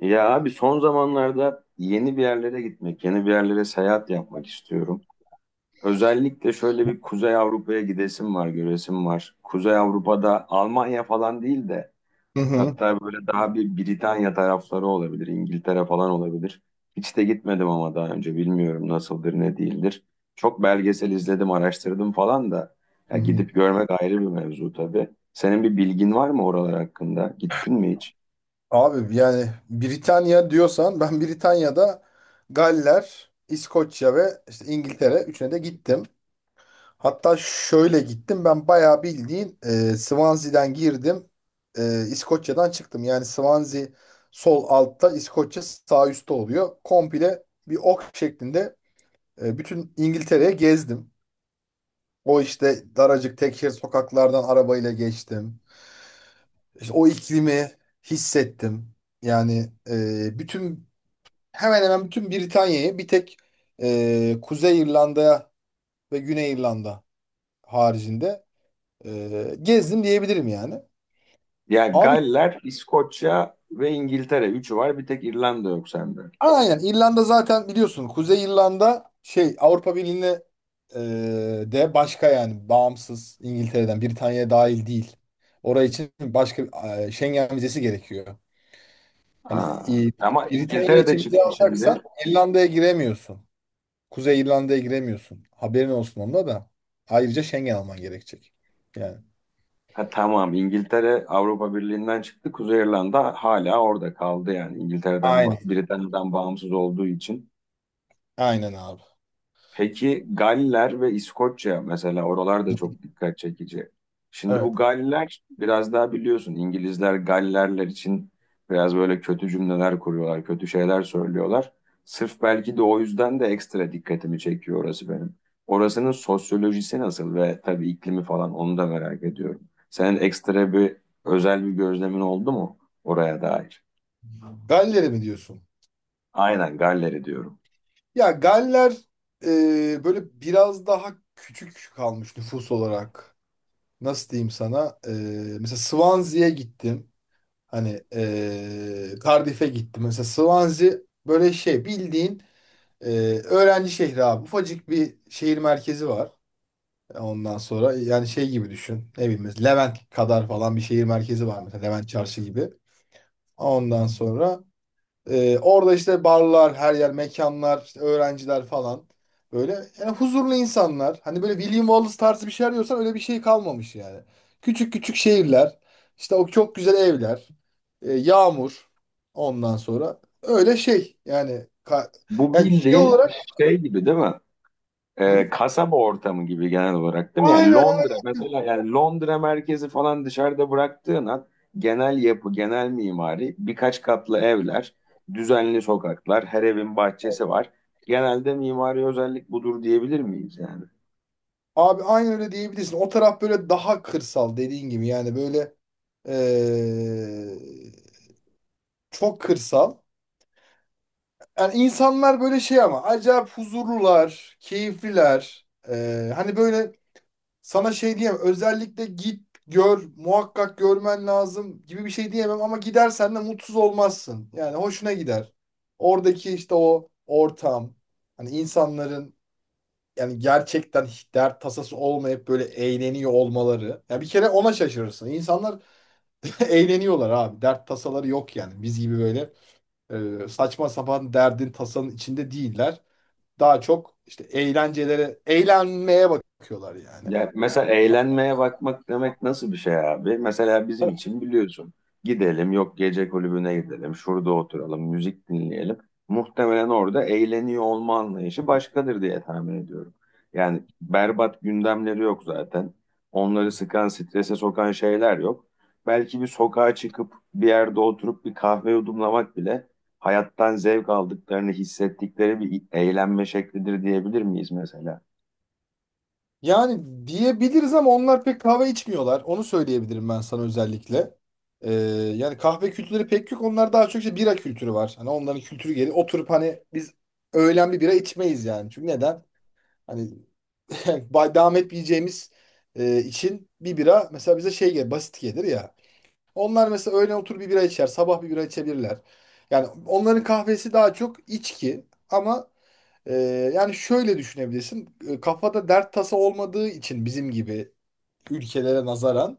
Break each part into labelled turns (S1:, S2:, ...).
S1: Ya abi son zamanlarda yeni bir yerlere gitmek, yeni bir yerlere seyahat yapmak istiyorum. Özellikle şöyle bir Kuzey Avrupa'ya gidesim var, göresim var. Kuzey Avrupa'da Almanya falan değil de
S2: Hı hı.
S1: hatta böyle daha bir Britanya tarafları olabilir, İngiltere falan olabilir. Hiç de gitmedim ama daha önce bilmiyorum nasıldır, ne değildir. Çok belgesel izledim, araştırdım falan da
S2: Hı
S1: ya
S2: hı.
S1: gidip görmek ayrı bir mevzu tabii. Senin bir bilgin var mı oralar hakkında? Gittin mi hiç?
S2: Abi yani Britanya diyorsan ben Britanya'da Galler, İskoçya ve işte İngiltere üçüne de gittim. Hatta şöyle gittim ben bayağı bildiğin Swansea'den girdim, İskoçya'dan çıktım. Yani Swansea sol altta, İskoçya sağ üstte oluyor. Komple bir ok şeklinde bütün İngiltere'ye gezdim. O işte daracık tek şerit sokaklardan arabayla geçtim. İşte o iklimi hissettim. Yani e, bütün hemen hemen bütün Britanya'yı, bir tek Kuzey İrlanda ve Güney İrlanda haricinde, gezdim diyebilirim yani.
S1: Ya
S2: Abi
S1: Galler, İskoçya ve İngiltere. Üçü var. Bir tek İrlanda yok sende.
S2: aynen, İrlanda zaten biliyorsun, Kuzey İrlanda şey, Avrupa Birliği'ne e, de başka, yani bağımsız, İngiltere'den, Britanya'ya dahil değil. Oraya için başka Schengen vizesi gerekiyor. Hani
S1: Aa,
S2: e,
S1: ama
S2: Britanya
S1: İngiltere de
S2: için vize
S1: çıktı şimdi.
S2: alacaksan İrlanda'ya giremiyorsun. Kuzey İrlanda'ya giremiyorsun. Haberin olsun onda da. Ayrıca Schengen alman gerekecek. Yani.
S1: Ha, tamam İngiltere Avrupa Birliği'nden çıktı. Kuzey İrlanda hala orada kaldı yani. İngiltere'den,
S2: Aynen.
S1: Britanya'dan bağımsız olduğu için.
S2: Aynen abi.
S1: Peki Galler ve İskoçya mesela oralar da çok dikkat çekici. Şimdi bu
S2: Evet.
S1: Galler biraz daha biliyorsun İngilizler Gallerler için biraz böyle kötü cümleler kuruyorlar, kötü şeyler söylüyorlar. Sırf belki de o yüzden de ekstra dikkatimi çekiyor orası benim. Orasının sosyolojisi nasıl ve tabii iklimi falan onu da merak ediyorum. Senin ekstra bir özel bir gözlemin oldu mu oraya dair?
S2: Galler'e mi diyorsun?
S1: Aynen Galler'i diyorum.
S2: Ya Galler böyle biraz daha küçük kalmış nüfus olarak. Nasıl diyeyim sana? Mesela Swansea'ya gittim. Hani Cardiff'e gittim. Mesela Swansea böyle şey bildiğin e, öğrenci şehri abi. Ufacık bir şehir merkezi var. Ondan sonra yani şey gibi düşün. Ne bileyim, mesela Levent kadar falan bir şehir merkezi var, mesela Levent Çarşı gibi. Ondan sonra orada işte barlar, her yer mekanlar, işte öğrenciler falan. Böyle yani huzurlu insanlar. Hani böyle William Wallace tarzı bir şey arıyorsan, öyle bir şey kalmamış yani. Küçük küçük şehirler, işte o çok güzel evler, yağmur. Ondan sonra öyle şey yani
S1: Bu
S2: yani şey
S1: bildiğin
S2: olarak.
S1: şey gibi değil mi?
S2: Hı?
S1: Kasaba ortamı gibi genel olarak değil mi? Yani
S2: Aynen.
S1: Londra mesela yani Londra merkezi falan dışarıda bıraktığın an genel yapı, genel mimari, birkaç katlı evler, düzenli sokaklar, her evin bahçesi var. Genelde mimari özellik budur diyebilir miyiz yani?
S2: Abi aynı öyle diyebilirsin. O taraf böyle daha kırsal dediğin gibi. Yani böyle eee, çok kırsal. Yani insanlar böyle şey ama acayip huzurlular, keyifliler. Hani böyle sana şey diyemem. Özellikle git gör, muhakkak görmen lazım gibi bir şey diyemem. Ama gidersen de mutsuz olmazsın. Yani hoşuna gider. Oradaki işte o ortam, hani insanların yani gerçekten hiç dert tasası olmayıp böyle eğleniyor olmaları. Ya bir kere ona şaşırırsın. İnsanlar eğleniyorlar abi. Dert tasaları yok yani. Biz gibi böyle saçma sapan derdin tasanın içinde değiller. Daha çok işte eğlencelere, eğlenmeye bakıyorlar yani.
S1: Ya mesela eğlenmeye bakmak demek nasıl bir şey abi? Mesela bizim için biliyorsun. Gidelim yok gece kulübüne gidelim. Şurada oturalım, müzik dinleyelim. Muhtemelen orada eğleniyor olma anlayışı başkadır diye tahmin ediyorum. Yani berbat gündemleri yok zaten. Onları sıkan, strese sokan şeyler yok. Belki bir sokağa çıkıp bir yerde oturup bir kahve yudumlamak bile hayattan zevk aldıklarını hissettikleri bir eğlenme şeklidir diyebilir miyiz mesela?
S2: Yani diyebiliriz, ama onlar pek kahve içmiyorlar. Onu söyleyebilirim ben sana özellikle. E, Yani kahve kültürleri pek yok. Onlar daha çok işte bira kültürü var. Hani onların kültürü, geri oturup, hani biz öğlen bir bira içmeyiz yani. Çünkü neden? Hani devam etmeyeceğimiz için bir bira mesela bize şey gelir, basit gelir ya. Onlar mesela öğlen otur bir bira içer, sabah bir bira içebilirler. Yani onların kahvesi daha çok içki ama e, yani şöyle düşünebilirsin. Kafada dert tasa olmadığı için bizim gibi ülkelere nazaran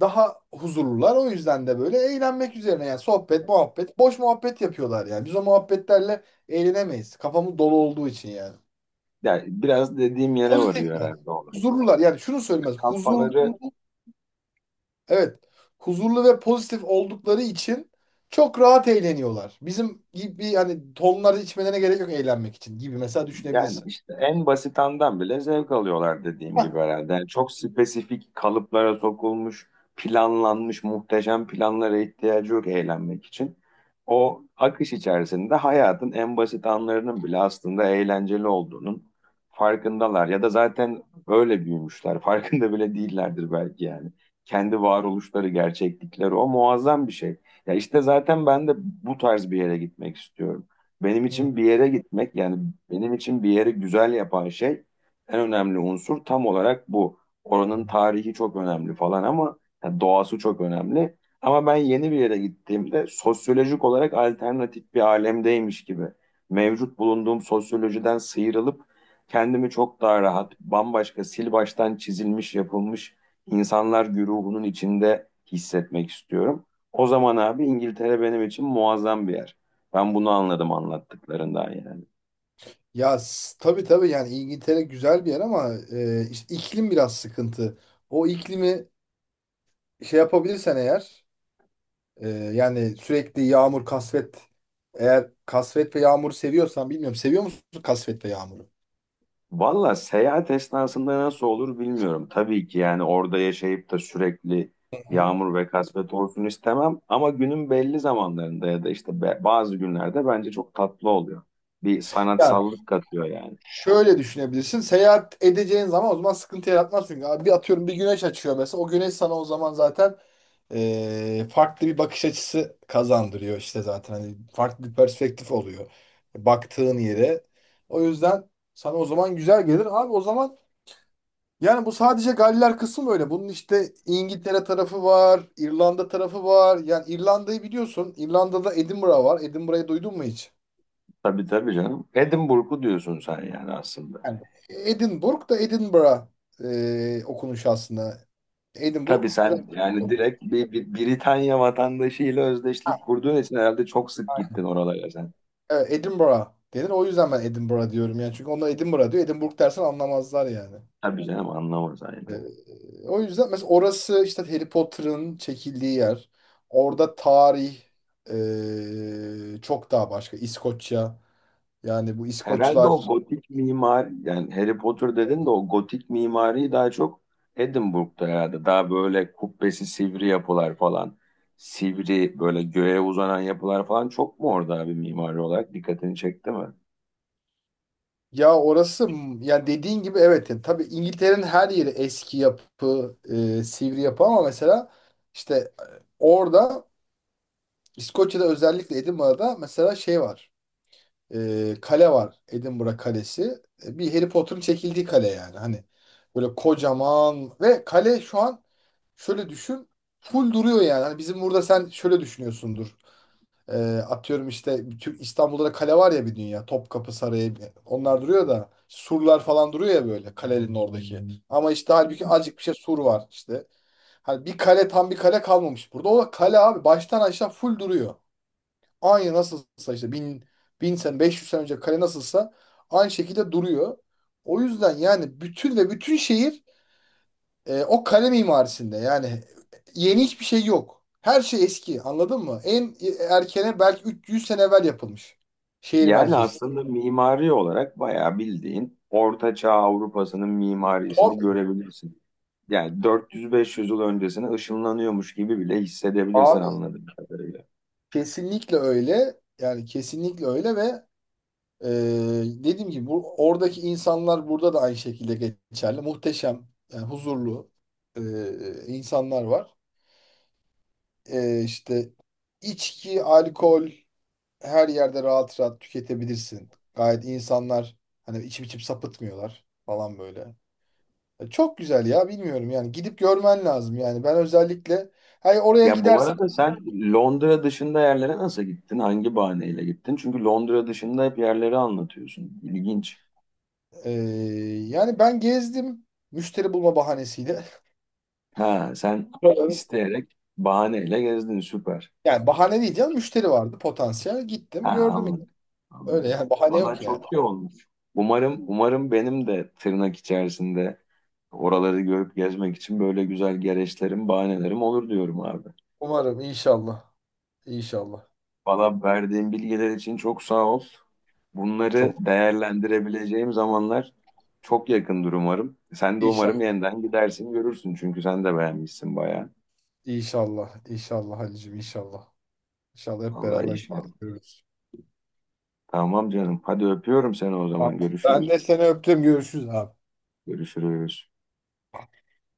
S2: daha huzurlular. O yüzden de böyle eğlenmek üzerine yani sohbet, muhabbet, boş muhabbet yapıyorlar yani. Biz o muhabbetlerle eğlenemeyiz. Kafamız dolu olduğu için yani.
S1: Yani biraz dediğim yere
S2: Pozitif
S1: varıyor
S2: yani.
S1: herhalde olay.
S2: Huzurlular yani şunu söylemez. Huzur.
S1: Kafaları.
S2: Evet. Huzurlu ve pozitif oldukları için çok rahat eğleniyorlar. Bizim gibi hani tonları içmelerine gerek yok eğlenmek için gibi mesela
S1: Yani
S2: düşünebilirsin.
S1: işte en basitandan bile zevk alıyorlar dediğim gibi herhalde. Yani çok spesifik kalıplara sokulmuş, planlanmış muhteşem planlara ihtiyacı yok eğlenmek için. O akış içerisinde hayatın en basit anlarının bile aslında eğlenceli olduğunun farkındalar. Ya da zaten öyle büyümüşler. Farkında bile değillerdir belki yani. Kendi varoluşları, gerçeklikleri o muazzam bir şey. Ya işte zaten ben de bu tarz bir yere gitmek istiyorum. Benim
S2: Hı hı.
S1: için bir yere gitmek yani benim için bir yeri güzel yapan şey en önemli unsur tam olarak bu. Oranın tarihi çok önemli falan ama yani doğası çok önemli. Ama ben yeni bir yere gittiğimde sosyolojik olarak alternatif bir alemdeymiş gibi mevcut bulunduğum sosyolojiden sıyrılıp kendimi çok daha rahat, bambaşka sil baştan çizilmiş yapılmış insanlar güruhunun içinde hissetmek istiyorum. O zaman abi İngiltere benim için muazzam bir yer. Ben bunu anladım anlattıklarından yani.
S2: Ya tabii tabii, yani İngiltere güzel bir yer ama işte iklim biraz sıkıntı. O iklimi şey yapabilirsen eğer. Yani sürekli yağmur, kasvet. Eğer kasvet ve yağmuru seviyorsan bilmiyorum. Seviyor musun kasvet ve yağmuru?
S1: Valla seyahat esnasında nasıl olur bilmiyorum. Tabii ki yani orada yaşayıp da sürekli
S2: Hı hı.
S1: yağmur ve kasvet olsun istemem. Ama günün belli zamanlarında ya da işte bazı günlerde bence çok tatlı oluyor. Bir
S2: Yani
S1: sanatsallık katıyor yani.
S2: şöyle düşünebilirsin. Seyahat edeceğin zaman o zaman sıkıntı yaratmaz çünkü. Abi bir atıyorum, bir güneş açıyor mesela. O güneş sana o zaman zaten farklı bir bakış açısı kazandırıyor işte zaten. Hani farklı bir perspektif oluyor. Baktığın yere. O yüzden sana o zaman güzel gelir. Abi o zaman. Yani bu sadece Galler kısmı öyle. Bunun işte İngiltere tarafı var, İrlanda tarafı var. Yani İrlanda'yı biliyorsun. İrlanda'da Edinburgh var. Edinburgh'ı duydun mu hiç?
S1: Tabii tabii canım. Edinburgh'u diyorsun sen yani aslında.
S2: Yani Edinburgh, da Edinburgh okunuşu aslında.
S1: Tabii
S2: Edinburgh biraz
S1: sen yani
S2: oku.
S1: direkt bir Britanya vatandaşıyla özdeşlik kurduğun için herhalde çok sık gittin oralara sen.
S2: Evet, Edinburgh denir. O yüzden ben Edinburgh diyorum yani. Çünkü onlar Edinburgh diyor. Edinburgh dersen anlamazlar yani.
S1: Tabii canım anlamaz aynen.
S2: Ee, O yüzden mesela orası işte Harry Potter'ın çekildiği yer. Orada tarih çok daha başka. İskoçya. Yani bu
S1: Herhalde o
S2: İskoçlar,
S1: gotik mimar yani Harry Potter dedin de o gotik mimariyi daha çok Edinburgh'da herhalde. Daha böyle kubbesi sivri yapılar falan. Sivri böyle göğe uzanan yapılar falan çok mu orada abi mimari olarak dikkatini çekti mi?
S2: ya orası yani dediğin gibi, evet, yani tabii, İngiltere'nin her yeri eski yapı, sivri yapı, ama mesela işte orada, İskoçya'da özellikle Edinburgh'da mesela şey var. Kale var, Edinburgh Kalesi. Bir Harry Potter'ın çekildiği kale yani. Hani böyle kocaman ve kale şu an, şöyle düşün, full duruyor yani. Hani bizim burada sen şöyle düşünüyorsundur. Ee, Atıyorum işte Türk, İstanbul'da da kale var ya, bir dünya. Topkapı Sarayı, onlar duruyor da, surlar falan duruyor ya böyle kalenin oradaki. Hmm. Ama işte halbuki azıcık bir şey sur var işte. Hani bir kale, tam bir kale kalmamış burada. O kale abi baştan aşağı full duruyor. Aynı nasılsa işte bin sene, 500 sene önce kale nasılsa aynı şekilde duruyor. O yüzden yani bütün, ve bütün şehir o kale mimarisinde yani. Yeni hiçbir şey yok. Her şey eski, anladın mı? En erkene belki 300 sene evvel yapılmış şehir
S1: Yani
S2: merkezi.
S1: aslında mimari olarak bayağı bildiğin Orta Çağ Avrupa'sının mimarisini
S2: Tabii.
S1: görebilirsin. Yani 400-500 yıl öncesine ışınlanıyormuş gibi bile hissedebilirsin
S2: Abi
S1: anladığım kadarıyla.
S2: kesinlikle öyle. Yani kesinlikle öyle ve e, dediğim gibi bu, oradaki insanlar burada da aynı şekilde geçerli. Muhteşem, yani huzurlu insanlar var. İşte içki, alkol her yerde rahat rahat tüketebilirsin. Gayet insanlar hani içip içip sapıtmıyorlar falan böyle. Çok güzel ya, bilmiyorum, yani gidip görmen lazım yani, ben özellikle hani oraya
S1: Ya bu
S2: gidersen.
S1: arada sen Londra dışında yerlere nasıl gittin? Hangi bahaneyle gittin? Çünkü Londra dışında hep yerleri anlatıyorsun. İlginç.
S2: e, Yani ben gezdim müşteri bulma bahanesiyle.
S1: Ha sen
S2: Buraların-
S1: isteyerek bahaneyle gezdin. Süper.
S2: Yani bahane değil canım, müşteri vardı potansiyel,
S1: Ha,
S2: gittim gördüm,
S1: anladım.
S2: öyle
S1: Anladım.
S2: yani, bahane
S1: Valla
S2: yok yani.
S1: çok iyi olmuş. Umarım umarım benim de tırnak içerisinde oraları görüp gezmek için böyle güzel gereçlerim, bahanelerim olur diyorum abi.
S2: Umarım, inşallah, inşallah
S1: Valla verdiğin bilgiler için çok sağ ol. Bunları
S2: çok,
S1: değerlendirebileceğim zamanlar çok yakındır umarım. Sen de umarım
S2: inşallah
S1: yeniden gidersin görürsün çünkü sen de beğenmişsin bayağı.
S2: inşallah inşallah Halicim, inşallah inşallah hep
S1: Vallahi
S2: beraber
S1: inşallah.
S2: görürüz.
S1: Tamam canım. Hadi öpüyorum seni o
S2: Tamam.
S1: zaman.
S2: Ben
S1: Görüşürüz.
S2: de seni öptüm. Görüşürüz abi.
S1: Görüşürüz.